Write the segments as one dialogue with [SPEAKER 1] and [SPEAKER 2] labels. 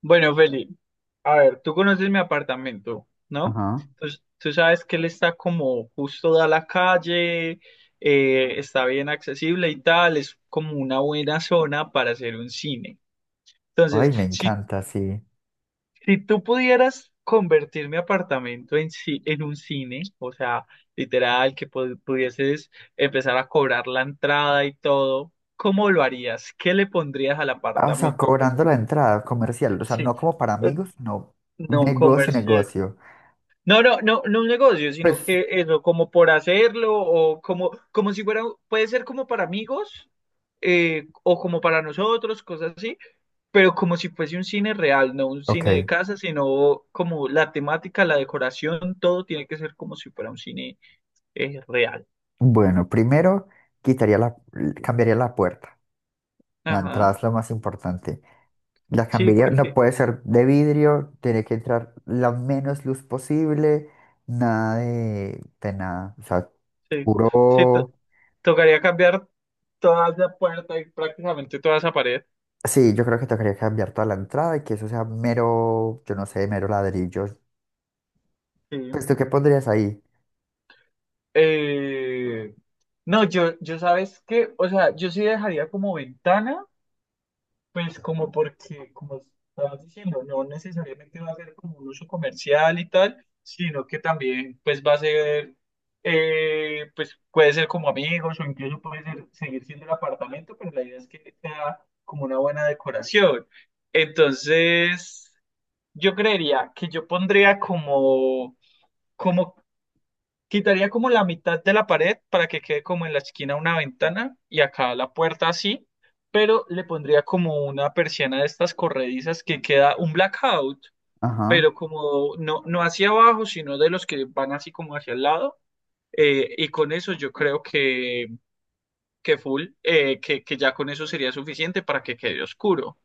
[SPEAKER 1] Bueno, Feli, a ver, tú conoces mi apartamento, ¿no?
[SPEAKER 2] Ajá.
[SPEAKER 1] Entonces, tú sabes que él está como justo da la calle, está bien accesible y tal, es como una buena zona para hacer un cine. Entonces,
[SPEAKER 2] Ay, me
[SPEAKER 1] si,
[SPEAKER 2] encanta, sí.
[SPEAKER 1] si tú pudieras convertir mi apartamento en un cine, o sea, literal, que pudieses empezar a cobrar la entrada y todo, ¿cómo lo harías? ¿Qué le pondrías al
[SPEAKER 2] Ah, o sea,
[SPEAKER 1] apartamento? Pues
[SPEAKER 2] cobrando la entrada comercial, o sea,
[SPEAKER 1] sí,
[SPEAKER 2] no como para
[SPEAKER 1] eh,
[SPEAKER 2] amigos, no.
[SPEAKER 1] no
[SPEAKER 2] Negocio,
[SPEAKER 1] comercio.
[SPEAKER 2] negocio.
[SPEAKER 1] No, no, no, no un negocio, sino
[SPEAKER 2] Pues,
[SPEAKER 1] que eso, como por hacerlo, o como si fuera, puede ser como para amigos, o como para nosotros, cosas así, pero como si fuese un cine real, no un cine de
[SPEAKER 2] ok.
[SPEAKER 1] casa, sino como la temática, la decoración, todo tiene que ser como si fuera un cine real.
[SPEAKER 2] Bueno, primero quitaría la, cambiaría la puerta. La entrada
[SPEAKER 1] Ajá,
[SPEAKER 2] es lo más importante. La
[SPEAKER 1] sí,
[SPEAKER 2] cambiaría, no
[SPEAKER 1] porque
[SPEAKER 2] puede ser de vidrio, tiene que entrar la menos luz posible, nada de nada. O sea,
[SPEAKER 1] sí, sí, to-
[SPEAKER 2] puro.
[SPEAKER 1] tocaría cambiar toda esa puerta y prácticamente toda esa pared.
[SPEAKER 2] Sí, yo creo que tocaría cambiar toda la entrada y que eso sea mero, yo no sé, mero ladrillo.
[SPEAKER 1] Sí.
[SPEAKER 2] Pues, ¿tú qué pondrías ahí?
[SPEAKER 1] Eh, no, yo sabes que, o sea, yo sí dejaría como ventana, pues como porque, como estabas diciendo, no necesariamente va a ser como un uso comercial y tal, sino que también pues va a ser, pues puede ser como amigos o incluso puede ser seguir siendo el apartamento, pero la idea es que sea como una buena decoración. Entonces, yo creería que yo pondría como. Quitaría como la mitad de la pared para que quede como en la esquina una ventana y acá la puerta así, pero le pondría como una persiana de estas corredizas que queda un blackout,
[SPEAKER 2] Ajá.
[SPEAKER 1] pero como no, no hacia abajo, sino de los que van así como hacia el lado. Y con eso yo creo que full, que ya con eso sería suficiente para que quede oscuro.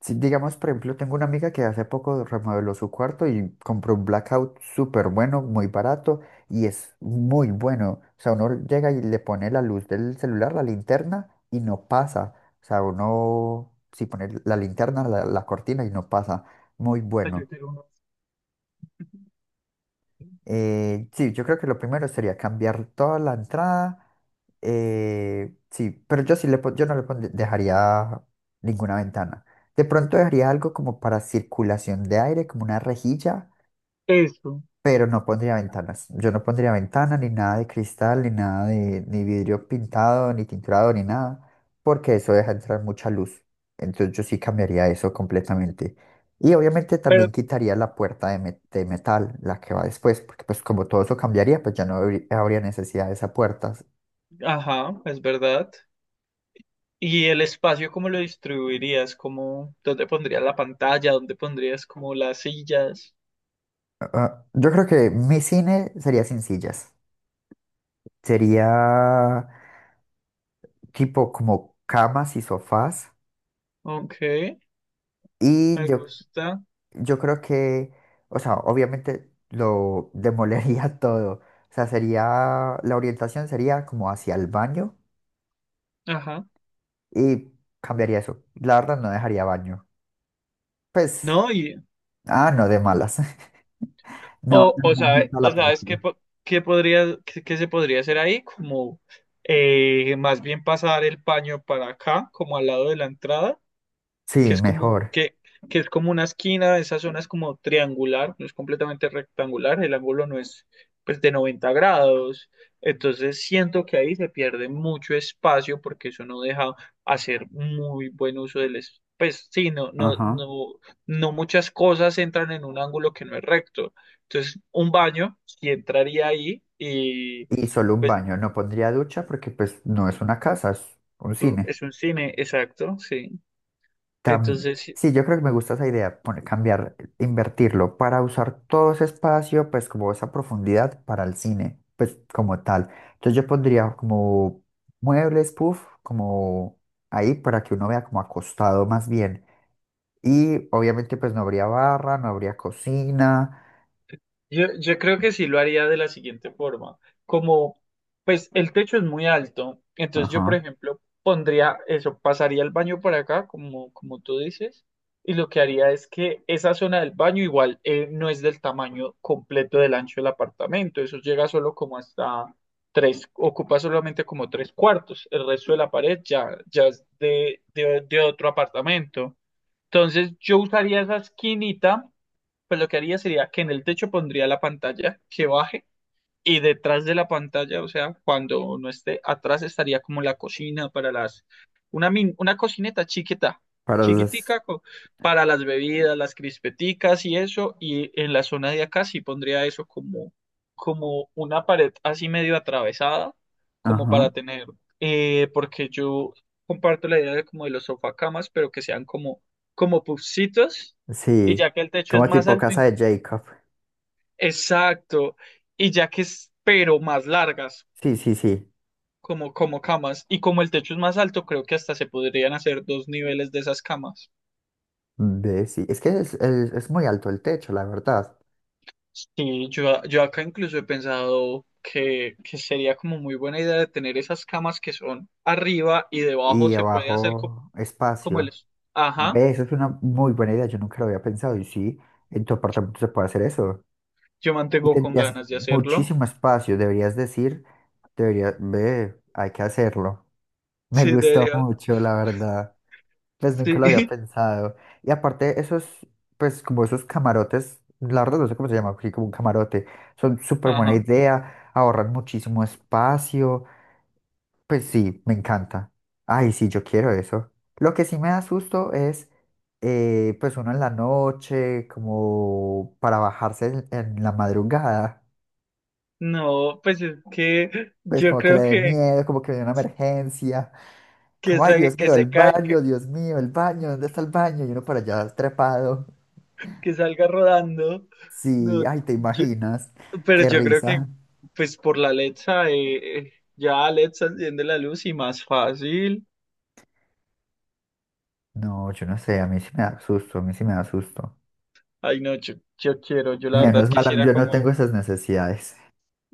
[SPEAKER 2] Si, digamos, por ejemplo, tengo una amiga que hace poco remodeló su cuarto y compró un blackout súper bueno, muy barato y es muy bueno. O sea, uno llega y le pone la luz del celular, la linterna y no pasa. O sea, uno si pone la linterna, la cortina y no pasa. Muy
[SPEAKER 1] Yo
[SPEAKER 2] bueno.
[SPEAKER 1] quiero uno.
[SPEAKER 2] Sí, yo creo que lo primero sería cambiar toda la entrada. Sí, pero yo sí le pon- yo no le pondría- dejaría ninguna ventana. De pronto dejaría algo como para circulación de aire, como una rejilla,
[SPEAKER 1] Eso.
[SPEAKER 2] pero no pondría ventanas. Yo no pondría ventana, ni nada de cristal, ni nada de, ni vidrio pintado, ni tinturado, ni nada, porque eso deja entrar mucha luz. Entonces yo sí cambiaría eso completamente. Y obviamente
[SPEAKER 1] Pero,
[SPEAKER 2] también quitaría la puerta de, me- de metal, la que va después, porque pues como todo eso cambiaría, pues ya no habrí- habría necesidad de esa puerta.
[SPEAKER 1] ajá, es verdad. ¿Y el espacio cómo lo distribuirías? ¿Cómo, dónde pondrías la pantalla? ¿Dónde pondrías como las sillas?
[SPEAKER 2] Ah, yo creo que mi cine sería sin sillas. Sería tipo como camas y sofás.
[SPEAKER 1] Ok,
[SPEAKER 2] Y
[SPEAKER 1] me
[SPEAKER 2] yo
[SPEAKER 1] gusta.
[SPEAKER 2] Yo creo que, o sea, obviamente lo demolería todo. O sea, sería, la orientación sería como hacia el baño
[SPEAKER 1] Ajá.
[SPEAKER 2] y cambiaría eso. La verdad no dejaría baño. Pues,
[SPEAKER 1] No, y
[SPEAKER 2] ah, no, de malas. No, el baño en
[SPEAKER 1] o
[SPEAKER 2] la
[SPEAKER 1] sabes qué,
[SPEAKER 2] película.
[SPEAKER 1] qué podría, qué se podría hacer ahí, como más bien pasar el paño para acá, como al lado de la entrada. Que
[SPEAKER 2] Sí,
[SPEAKER 1] es como,
[SPEAKER 2] mejor.
[SPEAKER 1] que es como una esquina, esa zona es como triangular, no es completamente rectangular, el ángulo no es pues de 90 grados, entonces siento que ahí se pierde mucho espacio porque eso no deja hacer muy buen uso del espacio. Pues sí, no, no,
[SPEAKER 2] Ajá.
[SPEAKER 1] no, no muchas cosas entran en un ángulo que no es recto. Entonces, un baño sí entraría ahí y
[SPEAKER 2] Y solo un
[SPEAKER 1] pues
[SPEAKER 2] baño. No pondría ducha porque pues no es una casa, es un
[SPEAKER 1] es un
[SPEAKER 2] cine.
[SPEAKER 1] es un cine, exacto, sí.
[SPEAKER 2] Tam-
[SPEAKER 1] Entonces,
[SPEAKER 2] sí, yo creo que me gusta esa idea, poner- cambiar, invertirlo para usar todo ese espacio, pues como esa profundidad para el cine, pues como tal. Entonces yo pondría como muebles, puff, como ahí para que uno vea como acostado más bien. Y obviamente pues no habría barra, no habría cocina,
[SPEAKER 1] yo creo que sí lo haría de la siguiente forma. Como, pues el techo es muy alto, entonces yo, por
[SPEAKER 2] ajá,
[SPEAKER 1] ejemplo, pondría eso, pasaría el baño por acá, como, como tú dices, y lo que haría es que esa zona del baño igual no es del tamaño completo del ancho del apartamento, eso llega solo como hasta tres, ocupa solamente como tres cuartos, el resto de la pared ya, ya es de otro apartamento. Entonces yo usaría esa esquinita, pues lo que haría sería que en el techo pondría la pantalla que baje, y detrás de la pantalla, o sea, cuando no esté atrás estaría como la cocina para las, una cocineta chiquita,
[SPEAKER 2] para las,
[SPEAKER 1] chiquitica para las bebidas, las crispeticas y eso, y en la zona de acá sí pondría eso como una pared así medio atravesada, como para
[SPEAKER 2] ajá,
[SPEAKER 1] tener, porque yo comparto la idea de como de los sofacamas, pero que sean como pufcitos, y
[SPEAKER 2] sí,
[SPEAKER 1] ya que el techo es
[SPEAKER 2] como
[SPEAKER 1] más
[SPEAKER 2] tipo
[SPEAKER 1] alto,
[SPEAKER 2] casa de Jacob.
[SPEAKER 1] exacto. Y ya que es, pero más largas,
[SPEAKER 2] Sí, sí, sí,
[SPEAKER 1] como camas. Y como el techo es más alto, creo que hasta se podrían hacer dos niveles de esas camas.
[SPEAKER 2] ve, sí. Es que es, es muy alto el techo, la verdad.
[SPEAKER 1] Sí, yo acá incluso he pensado que sería como muy buena idea de tener esas camas que son arriba y debajo
[SPEAKER 2] Y
[SPEAKER 1] se puede hacer
[SPEAKER 2] abajo
[SPEAKER 1] como el.
[SPEAKER 2] espacio.
[SPEAKER 1] Ajá,
[SPEAKER 2] Ve, eso es una muy buena idea, yo nunca lo había pensado. Y sí, en tu apartamento se puede hacer eso.
[SPEAKER 1] yo
[SPEAKER 2] Y
[SPEAKER 1] mantengo con
[SPEAKER 2] tendrías
[SPEAKER 1] ganas de hacerlo.
[SPEAKER 2] muchísimo espacio, deberías decir, deberías, ve, hay que hacerlo. Me
[SPEAKER 1] Sí,
[SPEAKER 2] gustó
[SPEAKER 1] debería.
[SPEAKER 2] mucho, la verdad. Pues nunca lo
[SPEAKER 1] Sí,
[SPEAKER 2] había pensado. Y aparte, esos, pues como esos camarotes, la verdad no sé cómo se llama, aquí como un camarote, son súper buena
[SPEAKER 1] ajá.
[SPEAKER 2] idea, ahorran muchísimo espacio. Pues sí, me encanta. Ay, sí, yo quiero eso. Lo que sí me da susto es, pues uno en la noche, como para bajarse en la madrugada,
[SPEAKER 1] No, pues es que
[SPEAKER 2] pues
[SPEAKER 1] yo
[SPEAKER 2] como que le
[SPEAKER 1] creo
[SPEAKER 2] dé
[SPEAKER 1] que,
[SPEAKER 2] miedo, como que viene una emergencia,
[SPEAKER 1] que
[SPEAKER 2] como, ay,
[SPEAKER 1] se,
[SPEAKER 2] Dios
[SPEAKER 1] que
[SPEAKER 2] mío, el
[SPEAKER 1] se cae.
[SPEAKER 2] baño, Dios mío, el baño, ¿dónde está el baño? Y uno por allá trepado.
[SPEAKER 1] Que salga rodando.
[SPEAKER 2] Sí,
[SPEAKER 1] No,
[SPEAKER 2] ay, ¿te
[SPEAKER 1] yo-
[SPEAKER 2] imaginas?
[SPEAKER 1] pero
[SPEAKER 2] Qué
[SPEAKER 1] yo creo que
[SPEAKER 2] risa.
[SPEAKER 1] pues por la Alexa, ya Alexa enciende la luz y más fácil.
[SPEAKER 2] No, yo no sé, a mí sí me da susto, a mí sí me da susto.
[SPEAKER 1] Ay, no, yo quiero, yo la verdad
[SPEAKER 2] Menos mal,
[SPEAKER 1] quisiera
[SPEAKER 2] yo no tengo
[SPEAKER 1] como.
[SPEAKER 2] esas necesidades.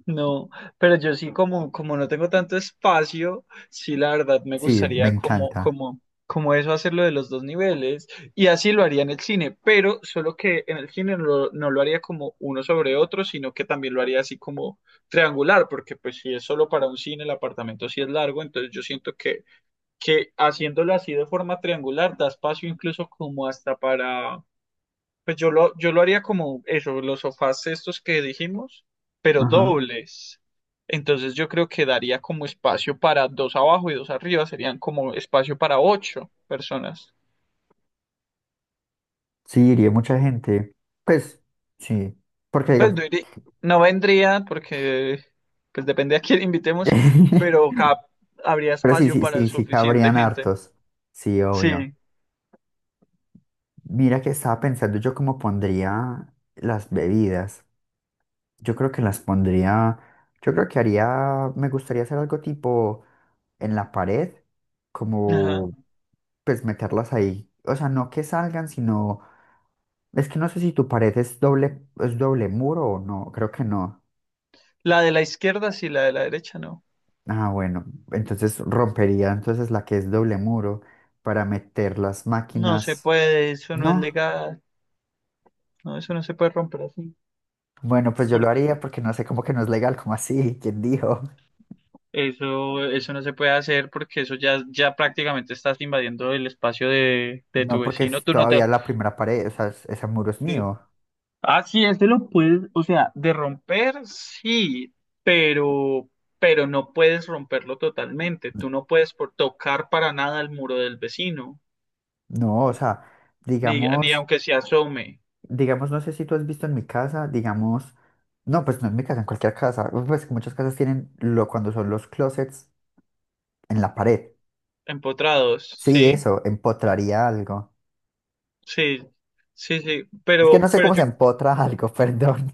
[SPEAKER 1] No, pero yo sí como, no tengo tanto espacio, sí la verdad me
[SPEAKER 2] Sí, me
[SPEAKER 1] gustaría como,
[SPEAKER 2] encanta.
[SPEAKER 1] como, como eso hacerlo de los dos niveles, y así lo haría en el cine, pero solo que en el cine no, lo no lo haría como uno sobre otro, sino que también lo haría así como triangular, porque pues si es solo para un cine, el apartamento sí es largo, entonces yo siento que haciéndolo así de forma triangular da espacio incluso como hasta para, pues yo lo haría como eso, los sofás estos que dijimos, pero
[SPEAKER 2] Ajá.
[SPEAKER 1] dobles. Entonces yo creo que daría como espacio para dos abajo y dos arriba, serían como espacio para ocho personas.
[SPEAKER 2] Sí, iría mucha gente. Pues sí, porque
[SPEAKER 1] Pues
[SPEAKER 2] digamos,
[SPEAKER 1] no, no vendría porque pues depende a quién invitemos, pero habría
[SPEAKER 2] pero sí,
[SPEAKER 1] espacio
[SPEAKER 2] sí,
[SPEAKER 1] para
[SPEAKER 2] sí, sí
[SPEAKER 1] suficiente
[SPEAKER 2] cabrían
[SPEAKER 1] gente.
[SPEAKER 2] hartos. Sí, obvio.
[SPEAKER 1] Sí,
[SPEAKER 2] Mira que estaba pensando yo cómo pondría las bebidas. Yo creo que las pondría, yo creo que haría, me gustaría hacer algo tipo en la pared,
[SPEAKER 1] ajá.
[SPEAKER 2] como pues meterlas ahí. O sea, no que salgan, sino, es que no sé si tu pared es doble muro o no, creo que no.
[SPEAKER 1] La de la izquierda sí, la de la derecha no.
[SPEAKER 2] Ah, bueno, entonces rompería entonces la que es doble muro para meter las
[SPEAKER 1] No se
[SPEAKER 2] máquinas.
[SPEAKER 1] puede, eso no es
[SPEAKER 2] No,
[SPEAKER 1] legal. No, eso no se puede romper así.
[SPEAKER 2] bueno, pues yo lo haría porque no sé cómo que no es legal, como así, ¿quién dijo?
[SPEAKER 1] Eso no se puede hacer porque eso ya, ya prácticamente estás invadiendo el espacio de tu
[SPEAKER 2] No, porque
[SPEAKER 1] vecino.
[SPEAKER 2] es
[SPEAKER 1] Tú no te...
[SPEAKER 2] todavía la primera pared, o sea, es- ese muro es
[SPEAKER 1] Sí.
[SPEAKER 2] mío.
[SPEAKER 1] Ah, sí, este lo puedes, o sea, de romper, sí, pero, pero no puedes romperlo totalmente.
[SPEAKER 2] N-
[SPEAKER 1] Tú no puedes por tocar para nada el muro del vecino,
[SPEAKER 2] No, o sea,
[SPEAKER 1] ni
[SPEAKER 2] digamos,
[SPEAKER 1] aunque se asome,
[SPEAKER 2] digamos, no sé si tú has visto en mi casa, digamos, no, pues no en mi casa, en cualquier casa, pues que muchas casas tienen lo cuando son los closets en la pared.
[SPEAKER 1] empotrados,
[SPEAKER 2] Sí,
[SPEAKER 1] ¿sí?
[SPEAKER 2] eso, empotraría algo.
[SPEAKER 1] Sí, sí, sí,
[SPEAKER 2] Es que no
[SPEAKER 1] pero,
[SPEAKER 2] sé
[SPEAKER 1] pero
[SPEAKER 2] cómo se
[SPEAKER 1] yo.
[SPEAKER 2] empotra algo, perdón.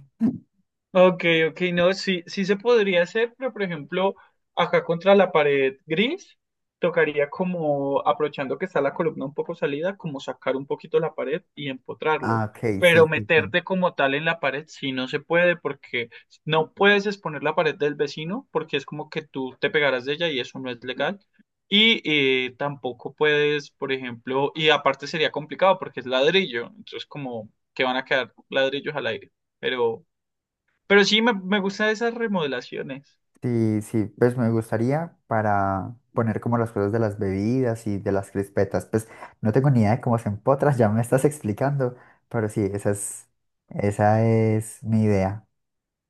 [SPEAKER 1] Ok, ok, no, sí, sí se podría hacer, pero por ejemplo, acá contra la pared gris, tocaría como, aprovechando que está la columna un poco salida, como sacar un poquito la pared y empotrarlo.
[SPEAKER 2] Ah, ok, sí,
[SPEAKER 1] Pero
[SPEAKER 2] sí, sí.
[SPEAKER 1] meterte como tal en la pared sí no se puede, porque no puedes exponer la pared del vecino, porque es como que tú te pegarás de ella y eso no es legal. Y tampoco puedes, por ejemplo, y aparte sería complicado porque es ladrillo, entonces como que van a quedar ladrillos al aire, pero... Pero sí me gustan esas remodelaciones.
[SPEAKER 2] Sí, sí, pues me gustaría para poner como las cosas de las bebidas y de las crispetas. Pues no tengo ni idea de cómo se empotras, ya me estás explicando, pero sí, esa es mi idea.